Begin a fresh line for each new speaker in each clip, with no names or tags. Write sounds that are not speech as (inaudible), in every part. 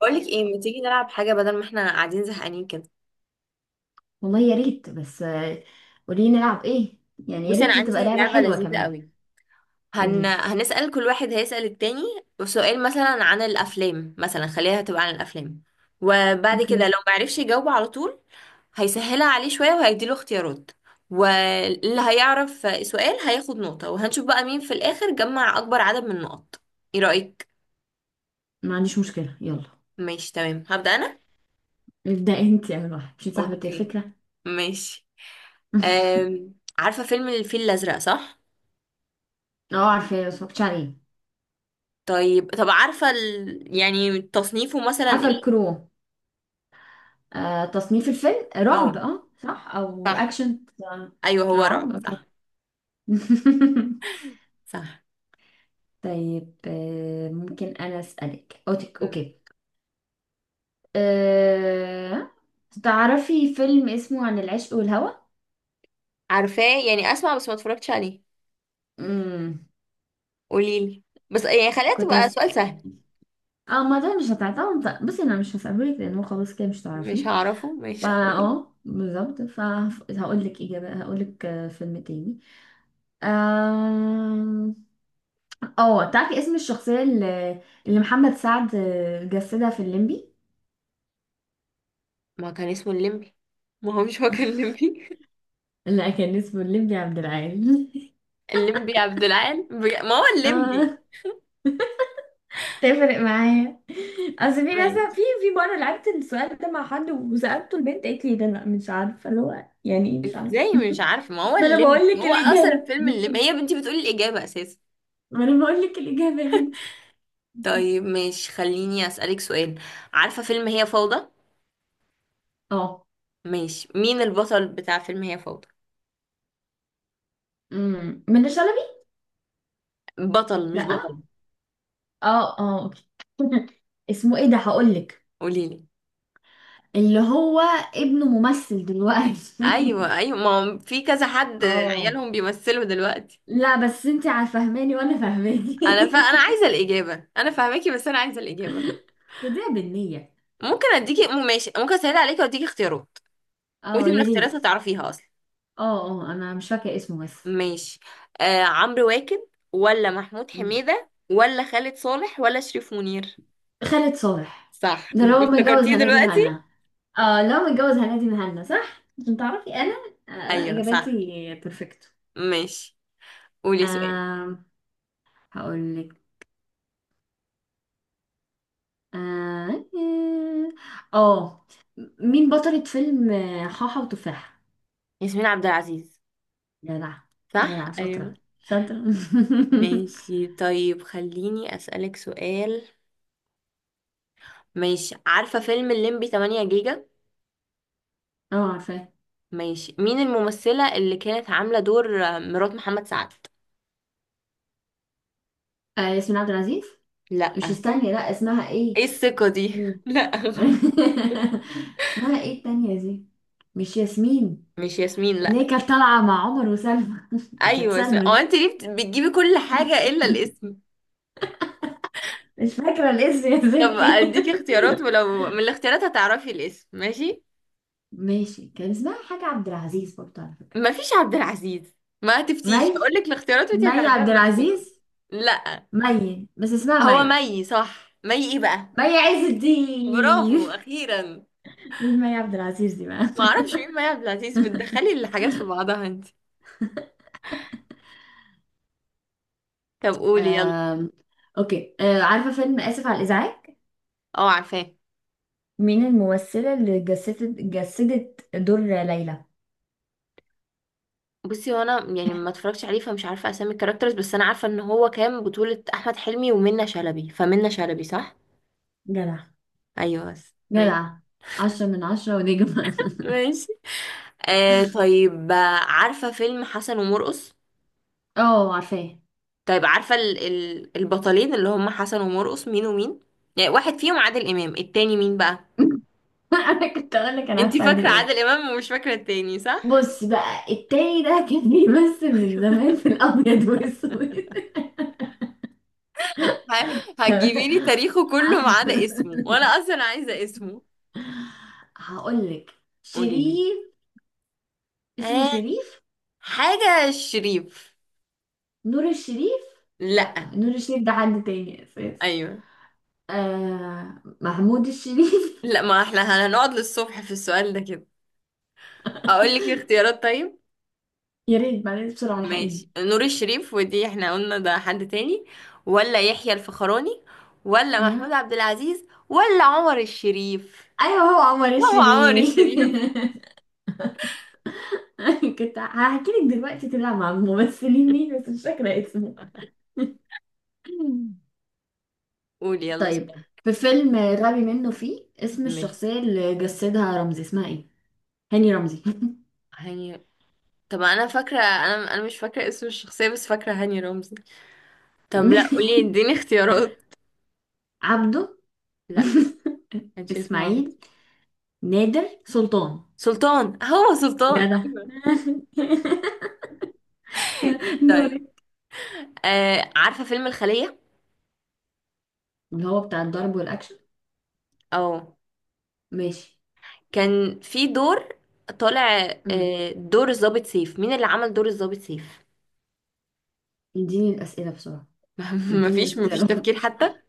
بقولك ايه، ما تيجي نلعب حاجة بدل ما احنا قاعدين زهقانين كده.
والله يا ريت بس، قولي نلعب ايه؟ يعني يا
بصي، انا
ريت تبقى
عندي
لعبة
لعبه
حلوة
لذيذه
كمان.
قوي.
قولي لي.
هنسأل كل واحد، هيسأل التاني سؤال مثلا عن الأفلام. مثلا خليها تبقى عن الأفلام، وبعد
اوكي.
كده لو معرفش يجاوب على طول هيسهلها عليه شوية وهيديله اختيارات، واللي هيعرف سؤال هياخد نقطة، وهنشوف بقى مين في الآخر جمع أكبر عدد من النقط. ايه رأيك؟
ما عنديش مشكلة، يلا
ماشي تمام، هبدأ أنا؟
ابدأ انت، يا واحد مش انت صاحبة
اوكي
الفكرة.
ماشي.
(laughs)
عارفة فيلم الفيل الأزرق صح؟
اه، عارفة، اتفرجت عليه.
طيب، عارفة يعني تصنيفه مثلا
عارفة
ايه؟
الكرو. تصنيف الفيلم رعب،
اه
اه صح، او
صح.
اكشن.
ايوه هو
رعب،
رعب
اوكي.
صح.
(laughs)
صح.
طيب، ممكن انا اسألك اوتك؟
مم.
اوكي. آه تعرفي فيلم اسمه عن العشق والهوى؟
عارفاه يعني، اسمع بس ما اتفرجتش عليه.
امم.
قوليلي، بس يعني خليها
كنت
تبقى سؤال
هسأل.
سهل.
اه، ما ده مش هتعتمد، بس انا مش هسألهولك لان هو خلاص كده مش
مش
تعرفيه.
هعرفه
فا
مش.
اه بالظبط، فهقول لك اجابه، هقول لك فيلم تاني. آم، اه، تعرفي اسم الشخصيه اللي محمد سعد جسدها في الليمبي؟
ما كان اسمه الليمبي؟ ما هو مش هو كان الليمبي؟ (laughs)
لا، كان اسمه الليمبي عبد العال. (laughs)
الليمبي عبد العال ما هو الليمبي.
اه، تفرق معايا. اصل في ناس،
ماشي.
في مره لعبت السؤال ده مع حد وسالته البنت قالت لي ده، لا مش عارفه اللي هو يعني ايه، مش عارفه.
ازاي
(laughs)
مش عارفه؟ ما هو
ما انا
الليمبي،
بقول لك
هو
الاجابه،
اصلا فيلم الليمبي، هي بنتي بتقولي الاجابه اساسا.
ما انا بقول لك الاجابه يا بنتي.
طيب، مش خليني اسالك سؤال. عارفه فيلم هي فوضى؟
اه.
ماشي، مين البطل بتاع فيلم هي فوضى؟
منة شلبي.
بطل مش بطل.
لا. اه، اه، اوكي. (laughs) اسمه ايه ده؟ هقول لك.
قوليلي.
اللي هو ابنه ممثل دلوقتي.
ايوه ايوه، ما هو في كذا
(laughs)
حد
اه،
عيالهم بيمثلوا دلوقتي.
لا بس انت فاهماني وانا فاهماني.
انا عايزه الاجابه، انا فاهماكي بس انا عايزه الاجابه.
(laughs) خديها بالنية.
ممكن اديكي ماشي، ممكن اسهل عليكي واديكي اختيارات،
اه
وانتي من
يا
الاختيارات
ريت.
هتعرفيها اصلا.
اه اه، انا مش فاكره اسمه بس.
ماشي. آه، عمرو واكد ولا محمود
أمم.
حميده ولا خالد صالح ولا شريف منير؟
خالد صالح.
صح،
ده لو متجوز
افتكرتيه
هنادي
دلوقتي.
مهنا. اه، لو متجوز هنادي مهنا صح، عشان تعرفي انا
ايوه
اجاباتي
صح.
بيرفكت.
ماشي، قولي سؤال.
هقول لك. اه. آه. آه، مين بطلة فيلم حاحة وتفاحة؟
ياسمين عبد العزيز.
جدع.
صح
جدع شاطرة.
ايوه.
شاطرة. (laughs)
ماشي طيب، خليني أسألك سؤال. ماشي، عارفة فيلم الليمبي 8 جيجا؟
اه عارفاه.
ماشي، مين الممثلة اللي كانت عاملة دور مرات محمد سعد؟
ياسمين عبد العزيز. مش،
لأ.
استني، لا اسمها
ايه
ايه؟
الثقة دي؟
مين؟
(laughs) لأ غلط.
(laughs) اسمها ايه التانية دي؟ مش ياسمين؟
مش ياسمين
اللي
لأ.
هي كانت طالعة مع عمر وسلمى. (laughs) كانت
أيوة ياسمين،
سلمى
هو
دي.
أنت ليه بتجيبي كل حاجة إلا الاسم؟
مش فاكرة الاسم، يا
طب
ستي.
أديكي
(laughs)
اختيارات، ولو من الاختيارات هتعرفي الاسم ماشي.
ماشي، كان اسمها حاجة عبد العزيز برضه على فكرة.
مفيش عبد العزيز. ما تفتيش،
مي.
هقولك الاختيارات وأنت
مي
هتعرفيها
عبد
من الاختيارات.
العزيز.
لأ.
مي، بس اسمها
هو
مي.
مي صح، مي ايه بقى؟
مي عز
برافو
الدين. (laughs)
اخيرا.
مين مي عبد العزيز دي بقى؟
ما اعرفش
(laughs)
مين مي عبد العزيز، بتدخلي الحاجات في بعضها انت. طب قولي يلا.
آم، اوكي، عارفة فيلم آسف على الإزعاج؟
اه عارفاه.
مين الممثلة اللي جسدت دور ليلى؟
بصي، هو انا يعني ما اتفرجتش عليه فمش عارفه اسامي الكاركترز، بس انا عارفه ان هو كان بطوله احمد حلمي ومنى شلبي، فمنى شلبي صح.
جدع.
ايوه بس ماشي.
جدع. 10 من 10 ونجمة.
ماشي آه، طيب عارفه فيلم حسن ومرقص؟
(laughs) اه عارفاه.
طيب عارفه ال البطلين اللي هم حسن ومرقص مين ومين؟ يعني واحد فيهم عادل امام، التاني مين بقى؟
(laughs) انا كنت اقول لك، انا
انت
عارفه عادل
فاكره
امام.
عادل امام ومش فاكره التاني صح.
بص بقى، التاني ده كان بيمثل من
(laughs)
زمان في الابيض والاسود.
هتجيبي لي تاريخه كله ما
(laughs)
عدا اسمه، وانا اصلا عايزه اسمه.
هقول لك.
قولي لي.
شريف. اسمه
آه،
شريف.
حاجه شريف.
نور الشريف. لا،
لا.
نور الشريف ده حد تاني اساسا.
ايوه.
محمود الشريف.
لا ما احنا هنقعد للصبح في السؤال ده كده، اقول لك الاختيارات طيب؟
(laughs) يا ريت بعدين بسرعة الحقيني.
ماشي، نور الشريف ودي احنا قلنا ده حد تاني، ولا يحيى الفخراني، ولا محمود
ايوه
عبد العزيز، ولا عمر الشريف؟
ايوه، هو عمر
لا هو عمر
الشريف.
الشريف.
(laughs) كنت هحكي لك دلوقتي طلع مع الممثلين مين، بس مش فاكرة اسمه.
قولي يلا
طيب،
سؤال.
في فيلم غبي منه فيه، اسم
ماشي.
الشخصية اللي جسدها رمزي اسمها ايه؟ هاني رمزي.
هاني. طب انا فاكره، انا مش فاكره اسم الشخصيه بس فاكره هاني رمزي. طب لا، قولي
(laughs)
اديني اختيارات.
عبده.
لا.
(laughs)
كانش اسمه عمرو؟
اسماعيل. نادر سلطان.
سلطان، هو سلطان
جدع.
ايوه.
(laughs) (laughs)
طيب
دوري.
آه، عارفة فيلم الخلية؟
اللي هو بتاع الضرب والاكشن.
اه.
ماشي.
كان في دور طالع،
امم
دور الضابط سيف. مين اللي عمل دور الضابط سيف؟
اديني الاسئله بسرعه.
(laughs)
اديني
مفيش
الاختيارات.
تفكير
(laughs)
حتى؟ (laughs)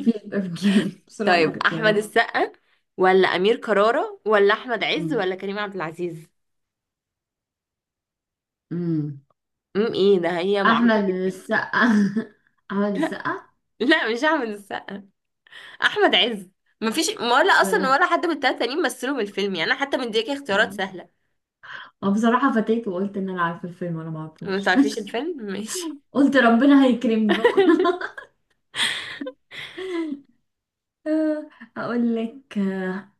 في تفكير بسرعه
طيب احمد
الاختيارات.
السقا، ولا امير كرارة، ولا احمد عز،
امم
ولا كريم عبد العزيز؟
امم
امم، ايه ده، هي معروفة.
احمد السقا. (laughs) احمد السقا.
لا مش احمد السقا. احمد عز. مفيش ولا اصلا
ولا.
ولا حد من التلاتة تانيين مثلوا من الفيلم، يعني انا حتى مديكي اختيارات
اه.
سهله.
أو بصراحه فتيت وقلت ان انا عارفه الفيلم وانا ما
ما
اعرفوش. (laughs)
تعرفيش الفيلم. (laughs) ماشي.
قلت ربنا هيكرمني بقى. (laughs) آه، اقول لك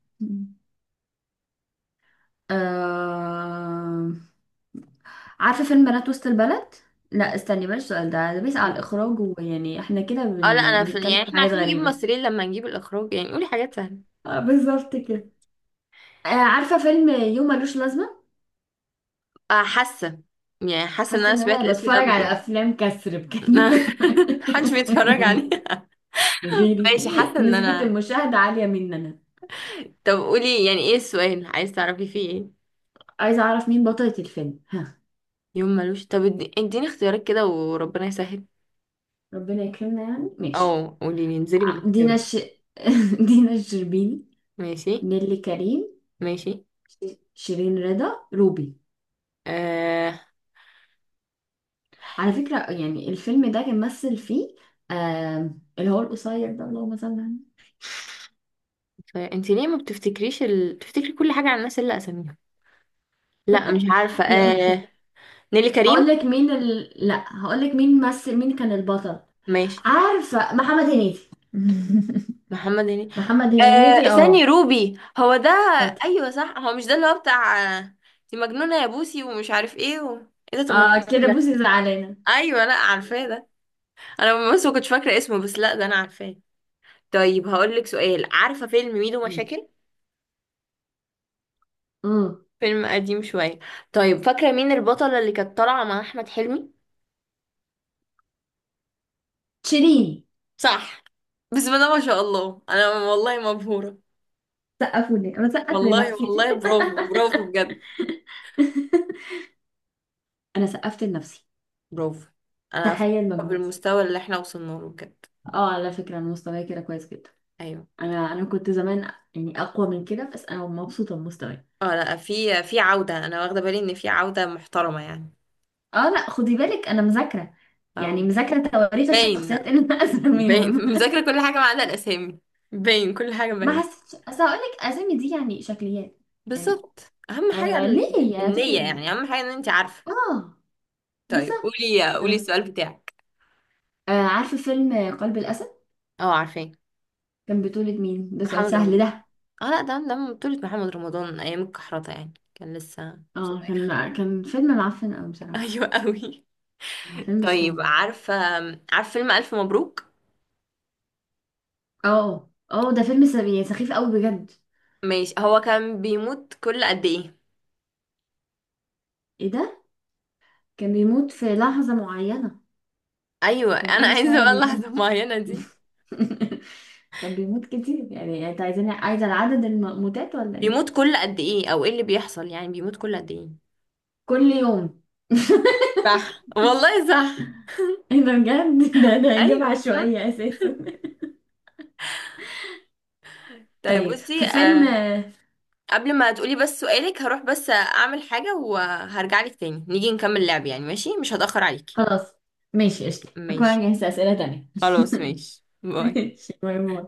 آه... عارفة فيلم بنات وسط البلد؟ لا استني، بلاش السؤال ده بيسأل على الإخراج، ويعني احنا كده
اه لا انا
بنتكلم
يعني
في
احنا
حاجات
عارفين نجيب
غريبة.
ممثلين، لما نجيب الاخراج يعني، قولي حاجات سهله.
بالظبط كده. عارفة فيلم يوم ملوش لازمة؟
حاسه، يعني حاسه ان
حاسة
انا
ان
سمعت
انا
الاسم ده
بتفرج
قبل كده.
على افلام كسر
(laughs)
بجد.
محدش بيتفرج عليه.
(laughs)
(laughs)
غيري.
ماشي، حاسه ان
نسبة
انا.
المشاهدة عالية مننا.
(laughs) طب قولي، يعني ايه السؤال عايز تعرفي فيه ايه؟
عايزة اعرف مين بطلة الفيلم، ها.
يوم ملوش. طب اديني اختيارات كده، وربنا يسهل.
ربنا يكرمنا يعني، ماشي.
اه، قولي لي انزلي
دينا
بالاختيارات.
ش... (laughs) دينا الشربيني.
ماشي.
نيلي كريم.
ماشي.
شيرين رضا، روبي. على فكرة يعني الفيلم ده كان مثل فيه آه اللي هو القصير ده، اللهم صل على النبي.
انت ليه ما بتفتكريش بتفتكري كل حاجة عن الناس اللي اساميهم. لا مش عارفة
(laughs) لا أفر.
نيلي
هقول
كريم.
لك مين لا، هقول لك مين مثل، مين كان البطل.
ماشي.
عارفة محمد هنيدي. (laughs)
محمد هنيدي.
محمد هنيدي
ثاني
اه.
روبي هو ده.
شاطر.
ايوه صح، هو مش ده اللي هو بتاع دي مجنونة يا بوسي ومش عارف ايه ايه ده؟ طب ما انا
اه،
عارفة إيه
كده
ده.
بوسي زعلانة.
ايوه، لا عارفاه ده، انا بس ما كنتش فاكرة اسمه، بس لا ده انا عارفاه. طيب هقول لك سؤال، عارفة فيلم ميدو مشاكل؟
امم.
فيلم قديم شوية. طيب فاكرة مين البطلة اللي كانت طالعة مع احمد حلمي؟
شيرين.
صح. بسم الله ما شاء الله، انا والله مبهورة.
سقفوا لي، انا سقفت
والله
لنفسي.
والله برافو برافو بجد.
(laughs) انا سقفت لنفسي.
برافو. انا
تخيل
فخورة
مجهودي.
بالمستوى اللي احنا وصلنا له بجد.
اه على فكرة انا مستواي كده كويس جدا.
ايوه.
انا كنت زمان يعني اقوى من كده، بس انا مبسوطة بمستواي.
اه لا، في عودة، انا واخدة بالي ان في عودة محترمة يعني.
اه لا، خدي بالك انا مذاكره. يعني
او.
مذاكره تواريخ
باين،
الشخصيات
لا
اللي انا
باين.
اسميهم.
(laughs) مذاكرة كل حاجة ما عدا الاسامي. باين كل حاجة
(laughs) ما
باين.
حسيتش، اصل هقول لك اسامي دي يعني شكليات. يعني،
بالظبط، اهم حاجة
أنا ليه؟ يعني هتفرق
النية،
ايه؟
يعني اهم حاجة ان انت عارفة.
اه
طيب
بالظبط.
قولي،
يلا.
السؤال بتاعك.
عارفه فيلم قلب الاسد.
اه عارفين.
كان بطولة مين؟ ده سؤال
محمد
سهل
رمضان.
ده.
اه لا ده، ده من بطولة محمد رمضان ايام الكحرطة، يعني كان لسه
اه
صغير.
كان فيلم معفن قوي
(laughs)
بصراحه.
ايوه قوي.
فيلم مش حلو.
طيب عارفة، فيلم ألف مبروك؟
اه اه، ده فيلم سخيف، يعني سخيف قوي بجد.
ماشي، هو كان بيموت كل قد ايه؟
ايه ده؟ كان بيموت في لحظه معينه.
ايوه، (laughs)
كان
انا
كل
عايزة
شويه
بقى اللحظة
بيموت.
المعينة
(laughs)
دي.
(laughs) كان بيموت كتير، يعني انت عايزين، عايزه العدد الموتات ولا
بيموت
ايه؟
كل قد ايه، او ايه اللي بيحصل، يعني بيموت كل قد ايه؟
كل يوم.
صح والله صح.
(laughs) ايه ده بجد؟ (laughs) ده اجابه
ايوه صح.
عشوائيه اساسا. (laughs)
طيب
طيب،
بصي
في فيلم.
آه، قبل ما تقولي بس سؤالك، هروح بس اعمل حاجة وهرجع لك تاني نيجي نكمل لعب يعني، ماشي؟ مش هتأخر عليكي.
خلاص ماشي، قشطة، أكون
ماشي،
أنا جهزت أسئلة تانية.
خلاص ماشي،
(laughs)
باي.
ماشي باي باي.